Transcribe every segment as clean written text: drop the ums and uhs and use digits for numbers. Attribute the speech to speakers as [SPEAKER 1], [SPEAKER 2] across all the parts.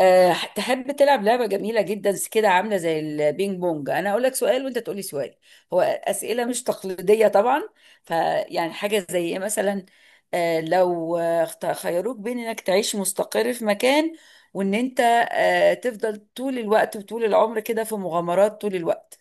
[SPEAKER 1] تحب تلعب لعبة جميلة جدا كده عاملة زي البينج بونج؟ أنا أقول لك سؤال وأنت تقولي سؤال. هو أسئلة مش تقليدية طبعا. فيعني حاجة زي إيه مثلا؟ لو خيروك بين إنك تعيش مستقر في مكان، وإن أنت تفضل طول الوقت وطول العمر كده في مغامرات طول الوقت،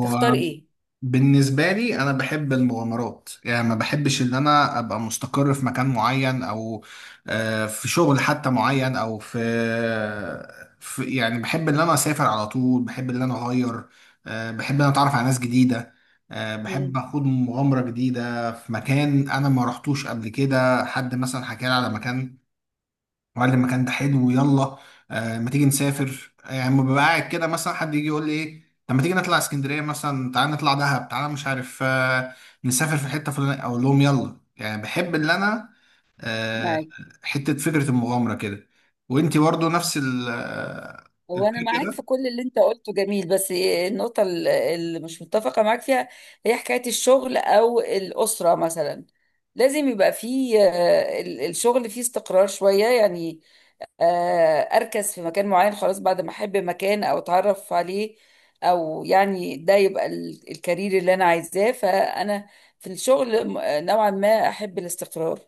[SPEAKER 1] تختار إيه؟
[SPEAKER 2] بالنسبة لي أنا بحب المغامرات، يعني ما بحبش إن أنا أبقى مستقر في مكان معين، أو في شغل حتى معين، أو في يعني، بحب إن أنا أسافر على طول، بحب إن أنا أغير، بحب إن أنا أتعرف على ناس جديدة، بحب
[SPEAKER 1] مم.
[SPEAKER 2] أخوض مغامرة جديدة في مكان أنا ما رحتوش قبل كده. حد مثلا حكى لي على مكان وقال لي المكان ده حلو، يلا ما تيجي نسافر. يعني لما ببقى قاعد كده مثلا حد يجي يقول لي ايه، طب ما تيجي نطلع اسكندريه مثلا، تعالى نطلع دهب، تعالى مش عارف نسافر في حته فلانيه، اقول لهم يلا. يعني بحب اللي انا آه حته فكره المغامره كده. وانتي برضو نفس
[SPEAKER 1] هو انا معاك
[SPEAKER 2] الفكره؟
[SPEAKER 1] في كل اللي انت قلته، جميل، بس النقطه اللي مش متفقه معاك فيها هي حكايه الشغل او الاسره مثلا. لازم يبقى فيه الشغل فيه استقرار شويه يعني. اركز في مكان معين، خلاص، بعد ما احب مكان او اتعرف عليه، او يعني ده يبقى الكارير اللي انا عايزاه. فانا في الشغل نوعا ما احب الاستقرار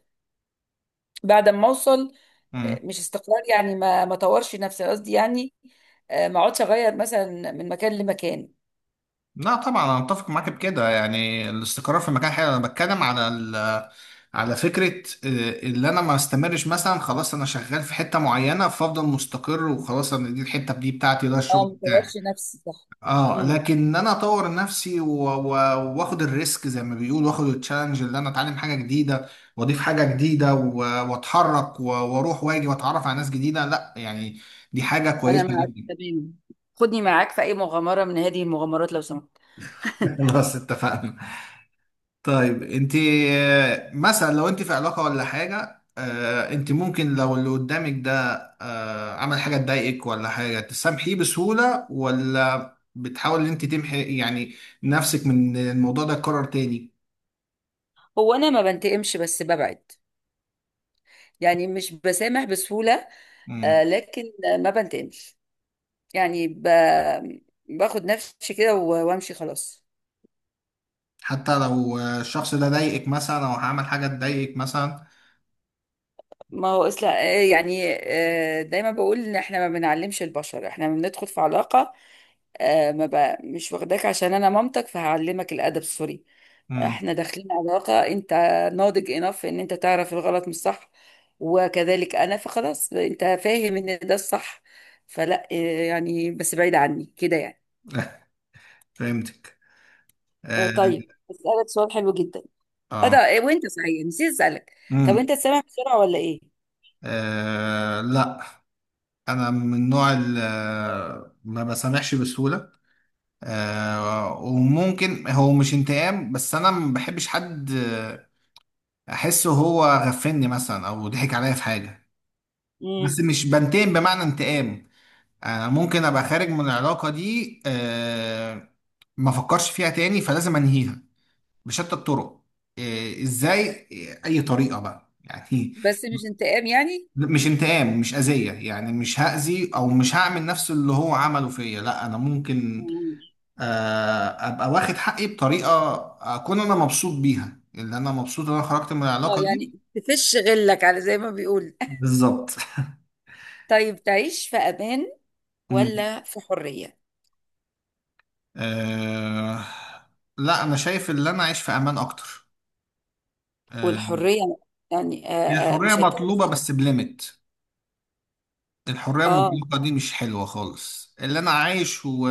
[SPEAKER 1] بعد ما اوصل.
[SPEAKER 2] مم.
[SPEAKER 1] مش استقرار يعني ما طورش نفسي، قصدي يعني ما اقعدش اغير مثلا من مكان لمكان.
[SPEAKER 2] لا طبعا انا متفق معاك بكده، يعني الاستقرار في مكان حلو. انا بتكلم على فكرة، اللي انا ما استمرش مثلا، خلاص انا شغال في حتة معينة فافضل مستقر وخلاص، انا دي الحتة دي بتاعتي، ده الشغل
[SPEAKER 1] اه، ما
[SPEAKER 2] بتاعي.
[SPEAKER 1] طورش نفسي، صح.
[SPEAKER 2] اه
[SPEAKER 1] امم.
[SPEAKER 2] لكن ان انا اطور نفسي واخد الريسك زي ما بيقول، واخد التشالنج، اللي انا اتعلم حاجة جديدة واضيف حاجة جديدة واتحرك واروح واجي واتعرف على ناس جديدة، لا يعني دي حاجة
[SPEAKER 1] انا
[SPEAKER 2] كويسة
[SPEAKER 1] معاك
[SPEAKER 2] جدا.
[SPEAKER 1] تمام. خدني معاك في اي مغامره من هذه المغامرات لو سمحت.
[SPEAKER 2] خلاص اتفقنا. طيب انت، مثلا لو انت في علاقة ولا حاجة، انت ممكن لو اللي قدامك ده عمل حاجة تضايقك ولا حاجة، تسامحيه بسهولة، ولا بتحاول ان انت تمحي يعني نفسك من الموضوع ده يتكرر تاني؟
[SPEAKER 1] هو انا ما بنتقمش بس ببعد، يعني مش بسامح بسهوله.
[SPEAKER 2] مم.
[SPEAKER 1] لكن ما بنتقمش، يعني ب... باخد نفسي كده وامشي خلاص.
[SPEAKER 2] حتى لو الشخص ده ضايقك مثلا، او عمل حاجة تضايقك مثلا؟
[SPEAKER 1] ما هو اصلا دايما بقول ان احنا ما بنعلمش البشر. احنا بندخل في علاقة، ما بقى مش واخداك عشان انا مامتك فهعلمك الادب، سوري.
[SPEAKER 2] مم.
[SPEAKER 1] احنا داخلين علاقة، انت ناضج انف ان انت تعرف الغلط من الصح، وكذلك انا. فخلاص، انت فاهم ان ده الصح، فلا يعني بس بعيد عني كده يعني.
[SPEAKER 2] فهمتك. اه.
[SPEAKER 1] طيب، اسالك سؤال حلو جدا. اه، ده
[SPEAKER 2] اه.
[SPEAKER 1] وانت صحيح نسيت اسالك، طب
[SPEAKER 2] مم.
[SPEAKER 1] انت سامع بسرعة ولا ايه؟
[SPEAKER 2] لا، انا من النوع اللي ما بسامحش بسهولة. وممكن هو مش انتقام، بس انا ما بحبش حد احسه هو غفلني مثلا، او ضحك عليا في حاجه. بس
[SPEAKER 1] امم.
[SPEAKER 2] مش بنتقم بمعنى انتقام. انا ممكن ابقى خارج من العلاقه دي، ما افكرش فيها تاني، فلازم انهيها بشتى الطرق. ازاي؟ اي طريقه بقى يعني.
[SPEAKER 1] بس مش انتقام يعني.
[SPEAKER 2] مش انتقام، مش اذيه يعني، مش هاذي، او مش هعمل نفس اللي هو عمله فيا. لا، انا ممكن
[SPEAKER 1] مم.
[SPEAKER 2] ابقى واخد حقي بطريقه اكون انا مبسوط بيها، اللي انا مبسوط ان انا خرجت من
[SPEAKER 1] اه،
[SPEAKER 2] العلاقه
[SPEAKER 1] يعني
[SPEAKER 2] دي.
[SPEAKER 1] تفش غلك على زي ما بيقول.
[SPEAKER 2] بالظبط.
[SPEAKER 1] طيب، تعيش في امان
[SPEAKER 2] مم.
[SPEAKER 1] ولا في حريه؟
[SPEAKER 2] آه، لا، انا شايف ان انا اعيش في امان اكتر. آه،
[SPEAKER 1] والحريه يعني
[SPEAKER 2] الحريه
[SPEAKER 1] مش هتبقى.
[SPEAKER 2] مطلوبه بس بليميت. الحرية
[SPEAKER 1] اه.
[SPEAKER 2] المطلقة دي مش حلوة خالص. اللي أنا عايش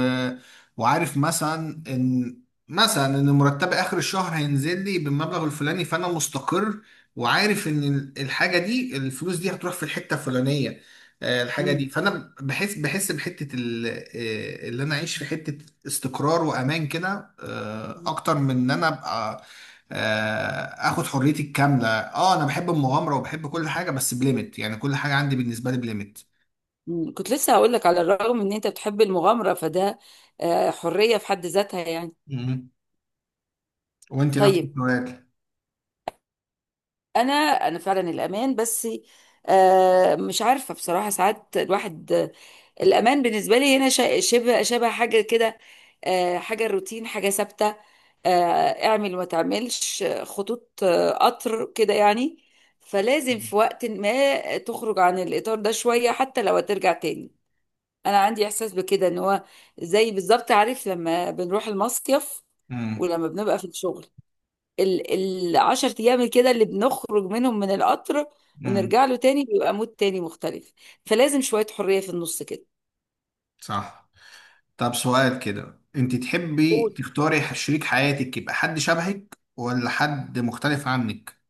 [SPEAKER 2] وعارف مثلا إن مرتبي آخر الشهر هينزل لي بالمبلغ الفلاني، فأنا مستقر. وعارف إن الحاجة دي، الفلوس دي هتروح في الحتة الفلانية الحاجة
[SPEAKER 1] مم.
[SPEAKER 2] دي. فأنا بحس بحتة ال... آه، اللي أنا أعيش في حتة استقرار وأمان كده، أكتر من إن أنا أبقى اخد حريتي الكامله. اه انا بحب المغامره وبحب كل حاجه بس بليمت، يعني كل حاجه عندي بالنسبه لي بليمت.
[SPEAKER 1] مم. كنت لسه هقول لك، على الرغم ان انت بتحب المغامره، فده حريه في حد ذاتها يعني.
[SPEAKER 2] مم. وانت نفس
[SPEAKER 1] طيب،
[SPEAKER 2] السؤال؟
[SPEAKER 1] انا انا فعلا الامان، بس مش عارفه بصراحه، ساعات الواحد الامان بالنسبه لي هنا شبه حاجه كده، حاجه روتين، حاجه ثابته، اعمل وما تعملش، خطوط قطر كده يعني. فلازم في وقت ما تخرج عن الاطار ده شويه، حتى لو هترجع تاني. انا عندي احساس بكده، ان هو زي بالظبط، عارف لما بنروح المصيف
[SPEAKER 2] مم.
[SPEAKER 1] ولما بنبقى في الشغل، ال العشر ايام كده اللي بنخرج منهم من القطر
[SPEAKER 2] مم.
[SPEAKER 1] ونرجع له تاني، بيبقى مود تاني مختلف. فلازم شوية حرية في النص كده.
[SPEAKER 2] صح. طب سؤال كده، انت تحبي
[SPEAKER 1] قول.
[SPEAKER 2] تختاري شريك حياتك يبقى حد شبهك ولا حد مختلف عنك؟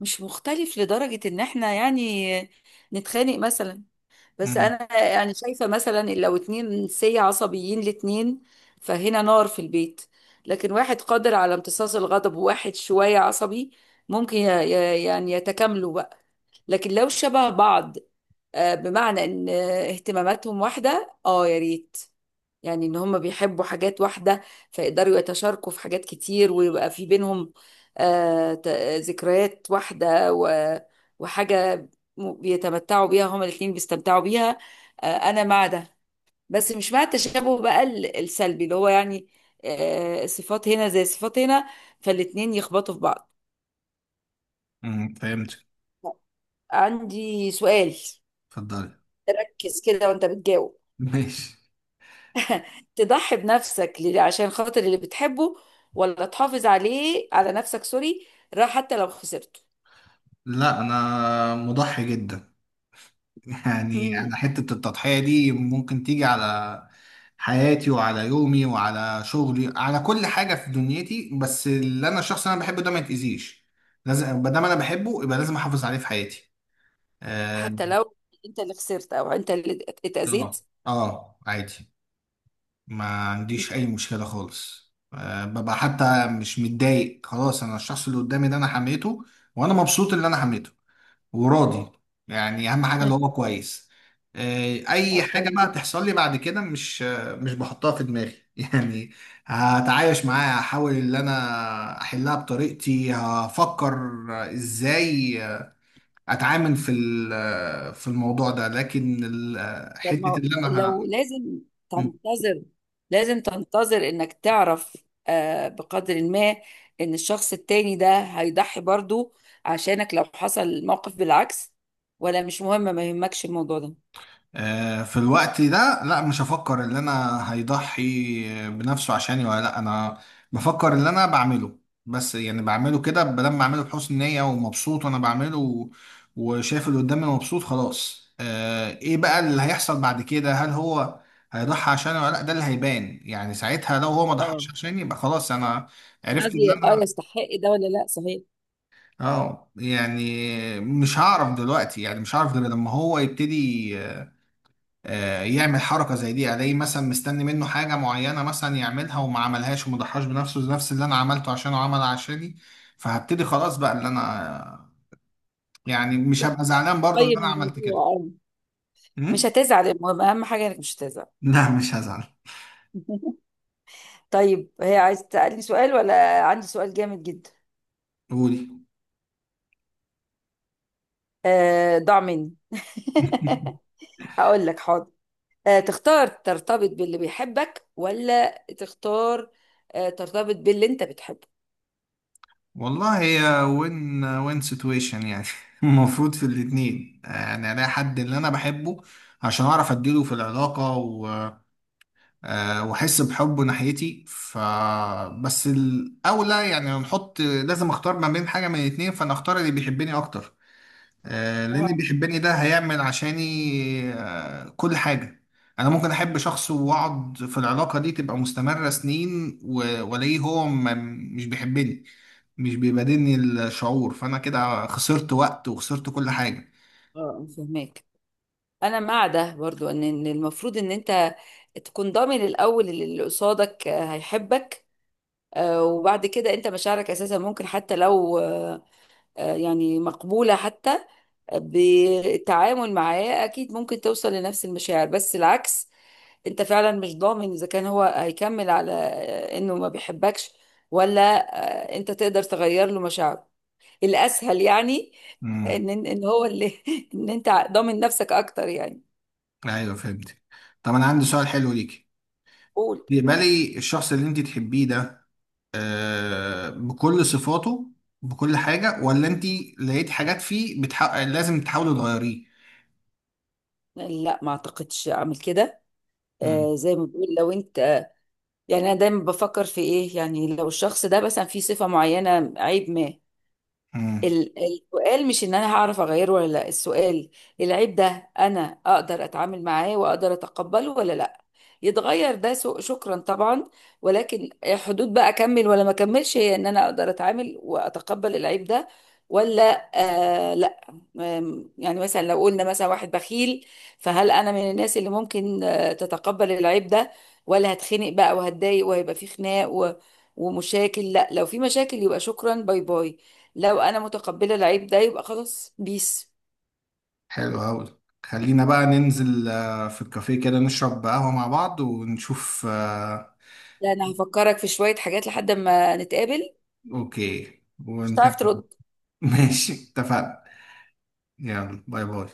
[SPEAKER 1] مش مختلف لدرجة ان احنا يعني نتخانق مثلا، بس
[SPEAKER 2] مم.
[SPEAKER 1] انا يعني شايفة مثلا إن لو اتنين سي عصبيين الاتنين، فهنا نار في البيت. لكن واحد قادر على امتصاص الغضب وواحد شوية عصبي، ممكن يعني يتكاملوا بقى. لكن لو شبه بعض بمعنى ان اهتماماتهم واحدة، اه، يا ريت، يعني ان هم بيحبوا حاجات واحدة فيقدروا يتشاركوا في حاجات كتير، ويبقى في بينهم آه، ت- ذكريات واحدة وحاجة بيتمتعوا بيها هما الاتنين، بيستمتعوا بيها. انا مع ده، بس مش مع التشابه بقى السلبي اللي هو يعني صفات هنا زي صفات هنا، فالاتنين يخبطوا في بعض.
[SPEAKER 2] مم. فهمت.
[SPEAKER 1] عندي سؤال.
[SPEAKER 2] اتفضلي.
[SPEAKER 1] تركز كده وانت بتجاوب،
[SPEAKER 2] ماشي.
[SPEAKER 1] تضحي بنفسك عشان خاطر اللي بتحبه، ولا تحافظ عليه، على نفسك، سوري، راح حتى لو خسرته؟
[SPEAKER 2] لا، انا مضحي جدا. يعني
[SPEAKER 1] مم.
[SPEAKER 2] انا حتة التضحية دي ممكن تيجي على حياتي وعلى يومي وعلى شغلي، على كل حاجة في دنيتي، بس اللي انا الشخص اللي انا بحبه ده ما يتأذيش. لازم ما دام انا بحبه يبقى لازم احافظ عليه في حياتي. اه.
[SPEAKER 1] حتى لو انت اللي خسرت، او انت اللي
[SPEAKER 2] اه
[SPEAKER 1] اتأذيت؟
[SPEAKER 2] عادي. ما عنديش اي مشكلة خالص. آه ببقى حتى مش متضايق خلاص. انا الشخص اللي قدامي ده انا حميته. وانا مبسوط اللي انا حميته، وراضي. يعني اهم حاجه
[SPEAKER 1] مم.
[SPEAKER 2] اللي هو كويس. اي
[SPEAKER 1] طب
[SPEAKER 2] حاجه
[SPEAKER 1] حلو
[SPEAKER 2] بقى
[SPEAKER 1] جدا.
[SPEAKER 2] تحصل لي بعد كده مش بحطها في دماغي يعني. هتعايش معاها، هحاول ان انا احلها بطريقتي. هفكر ازاي اتعامل في الموضوع ده. لكن
[SPEAKER 1] طب،
[SPEAKER 2] حته
[SPEAKER 1] ما
[SPEAKER 2] اللي انا
[SPEAKER 1] لو لازم
[SPEAKER 2] ه-
[SPEAKER 1] تنتظر، لازم تنتظر انك تعرف، آه بقدر ما، ان الشخص التاني ده هيضحي برضو عشانك لو حصل موقف بالعكس، ولا مش مهم، ما يهمكش الموضوع ده؟
[SPEAKER 2] في الوقت ده، لا مش هفكر ان انا هيضحي بنفسه عشاني ولا لا. انا بفكر اللي انا بعمله، بس يعني بعمله كده بدل ما اعمله، بحسن نية ومبسوط وانا بعمله وشايف اللي قدامي مبسوط خلاص. ايه بقى اللي هيحصل بعد كده، هل هو هيضحي عشاني ولا لا؟ ده اللي هيبان يعني ساعتها. لو هو ما
[SPEAKER 1] اه.
[SPEAKER 2] ضحاش عشاني يبقى خلاص انا
[SPEAKER 1] انا
[SPEAKER 2] عرفت ان
[SPEAKER 1] قصدي اه
[SPEAKER 2] انا.
[SPEAKER 1] يستحق ده ولا لا، صحيح.
[SPEAKER 2] اه، يعني مش هعرف دلوقتي، يعني مش هعرف غير لما هو يبتدي يعمل حركة زي دي. يعني الاقيه مثلا مستني منه حاجة معينة مثلا يعملها وما عملهاش وما ضحاش بنفسه نفس اللي انا عملته عشانه عمل عشاني. فهبتدي خلاص بقى اللي انا، يعني مش هبقى زعلان برضه ان
[SPEAKER 1] قيم
[SPEAKER 2] انا عملت كده.
[SPEAKER 1] الموضوع، اه. مش
[SPEAKER 2] أمم؟
[SPEAKER 1] هتزعل، المهم، اهم حاجه انك مش هتزعل.
[SPEAKER 2] لا مش هزعل.
[SPEAKER 1] طيب، هي عايز تسالني سؤال؟ ولا عندي سؤال جامد جدا،
[SPEAKER 2] قولي.
[SPEAKER 1] ضاع مني. هقول لك، حاضر. تختار ترتبط باللي بيحبك، ولا تختار ترتبط باللي انت بتحبه؟
[SPEAKER 2] والله هي وين وين سيتويشن يعني. المفروض في الاتنين، يعني الاقي حد اللي انا بحبه عشان اعرف اديله في العلاقة و... واحس بحبه ناحيتي، بس الاولى يعني، هنحط لازم اختار ما بين حاجه من الاتنين، فانا اختار اللي بيحبني اكتر. لان اللي
[SPEAKER 1] اه.
[SPEAKER 2] بيحبني ده هيعمل عشاني كل حاجه. انا ممكن احب شخص واقعد في العلاقه دي تبقى مستمره سنين والاقيه هو مش بيحبني، مش بيبادلني الشعور، فانا كده خسرت وقت وخسرت كل حاجه.
[SPEAKER 1] اه، فهمك. انا مع ده برضو، إن المفروض ان انت تكون ضامن الاول اللي قصادك هيحبك، وبعد كده انت مشاعرك اساسا ممكن حتى لو يعني مقبولة. حتى بالتعامل معاه اكيد ممكن توصل لنفس المشاعر، بس العكس انت فعلا مش ضامن اذا كان هو هيكمل على انه ما بيحبكش، ولا انت تقدر تغير له مشاعره. الاسهل يعني
[SPEAKER 2] امم.
[SPEAKER 1] ان هو اللي ان انت ضامن نفسك اكتر يعني.
[SPEAKER 2] ايوه فهمت. طب انا عندي سؤال حلو ليكي.
[SPEAKER 1] قول.
[SPEAKER 2] بيمالي الشخص اللي انت تحبيه ده بكل صفاته، بكل حاجة، ولا انت لقيت حاجات فيه لازم تحاولي تغيريه؟
[SPEAKER 1] لا، ما اعتقدش اعمل كده.
[SPEAKER 2] مم.
[SPEAKER 1] زي ما بقول، لو انت، يعني انا دايما بفكر في ايه، يعني لو الشخص ده مثلا فيه صفة معينة عيب ما،
[SPEAKER 2] مم.
[SPEAKER 1] السؤال مش ان انا هعرف اغيره ولا لا، السؤال العيب ده انا اقدر اتعامل معاه واقدر اتقبله ولا لا. يتغير ده شكرا طبعا، ولكن حدود بقى اكمل ولا ما اكملش، هي ان انا اقدر اتعامل واتقبل العيب ده ولا. آه لا. يعني مثلا لو قلنا مثلا واحد بخيل، فهل انا من الناس اللي ممكن تتقبل العيب ده، ولا هتخنق بقى وهتضايق وهيبقى في خناق ومشاكل؟ لا، لو في مشاكل يبقى شكرا، باي باي. لو انا متقبله العيب ده يبقى خلاص، بيس.
[SPEAKER 2] حلو أوي. خلينا بقى ننزل في الكافيه كده نشرب قهوة مع بعض ونشوف.
[SPEAKER 1] لا، انا هفكرك في شويه حاجات لحد ما نتقابل.
[SPEAKER 2] اوكي.
[SPEAKER 1] مش هتعرف
[SPEAKER 2] ونكمل
[SPEAKER 1] ترد.
[SPEAKER 2] ماشي، اتفقنا. يلا باي باي.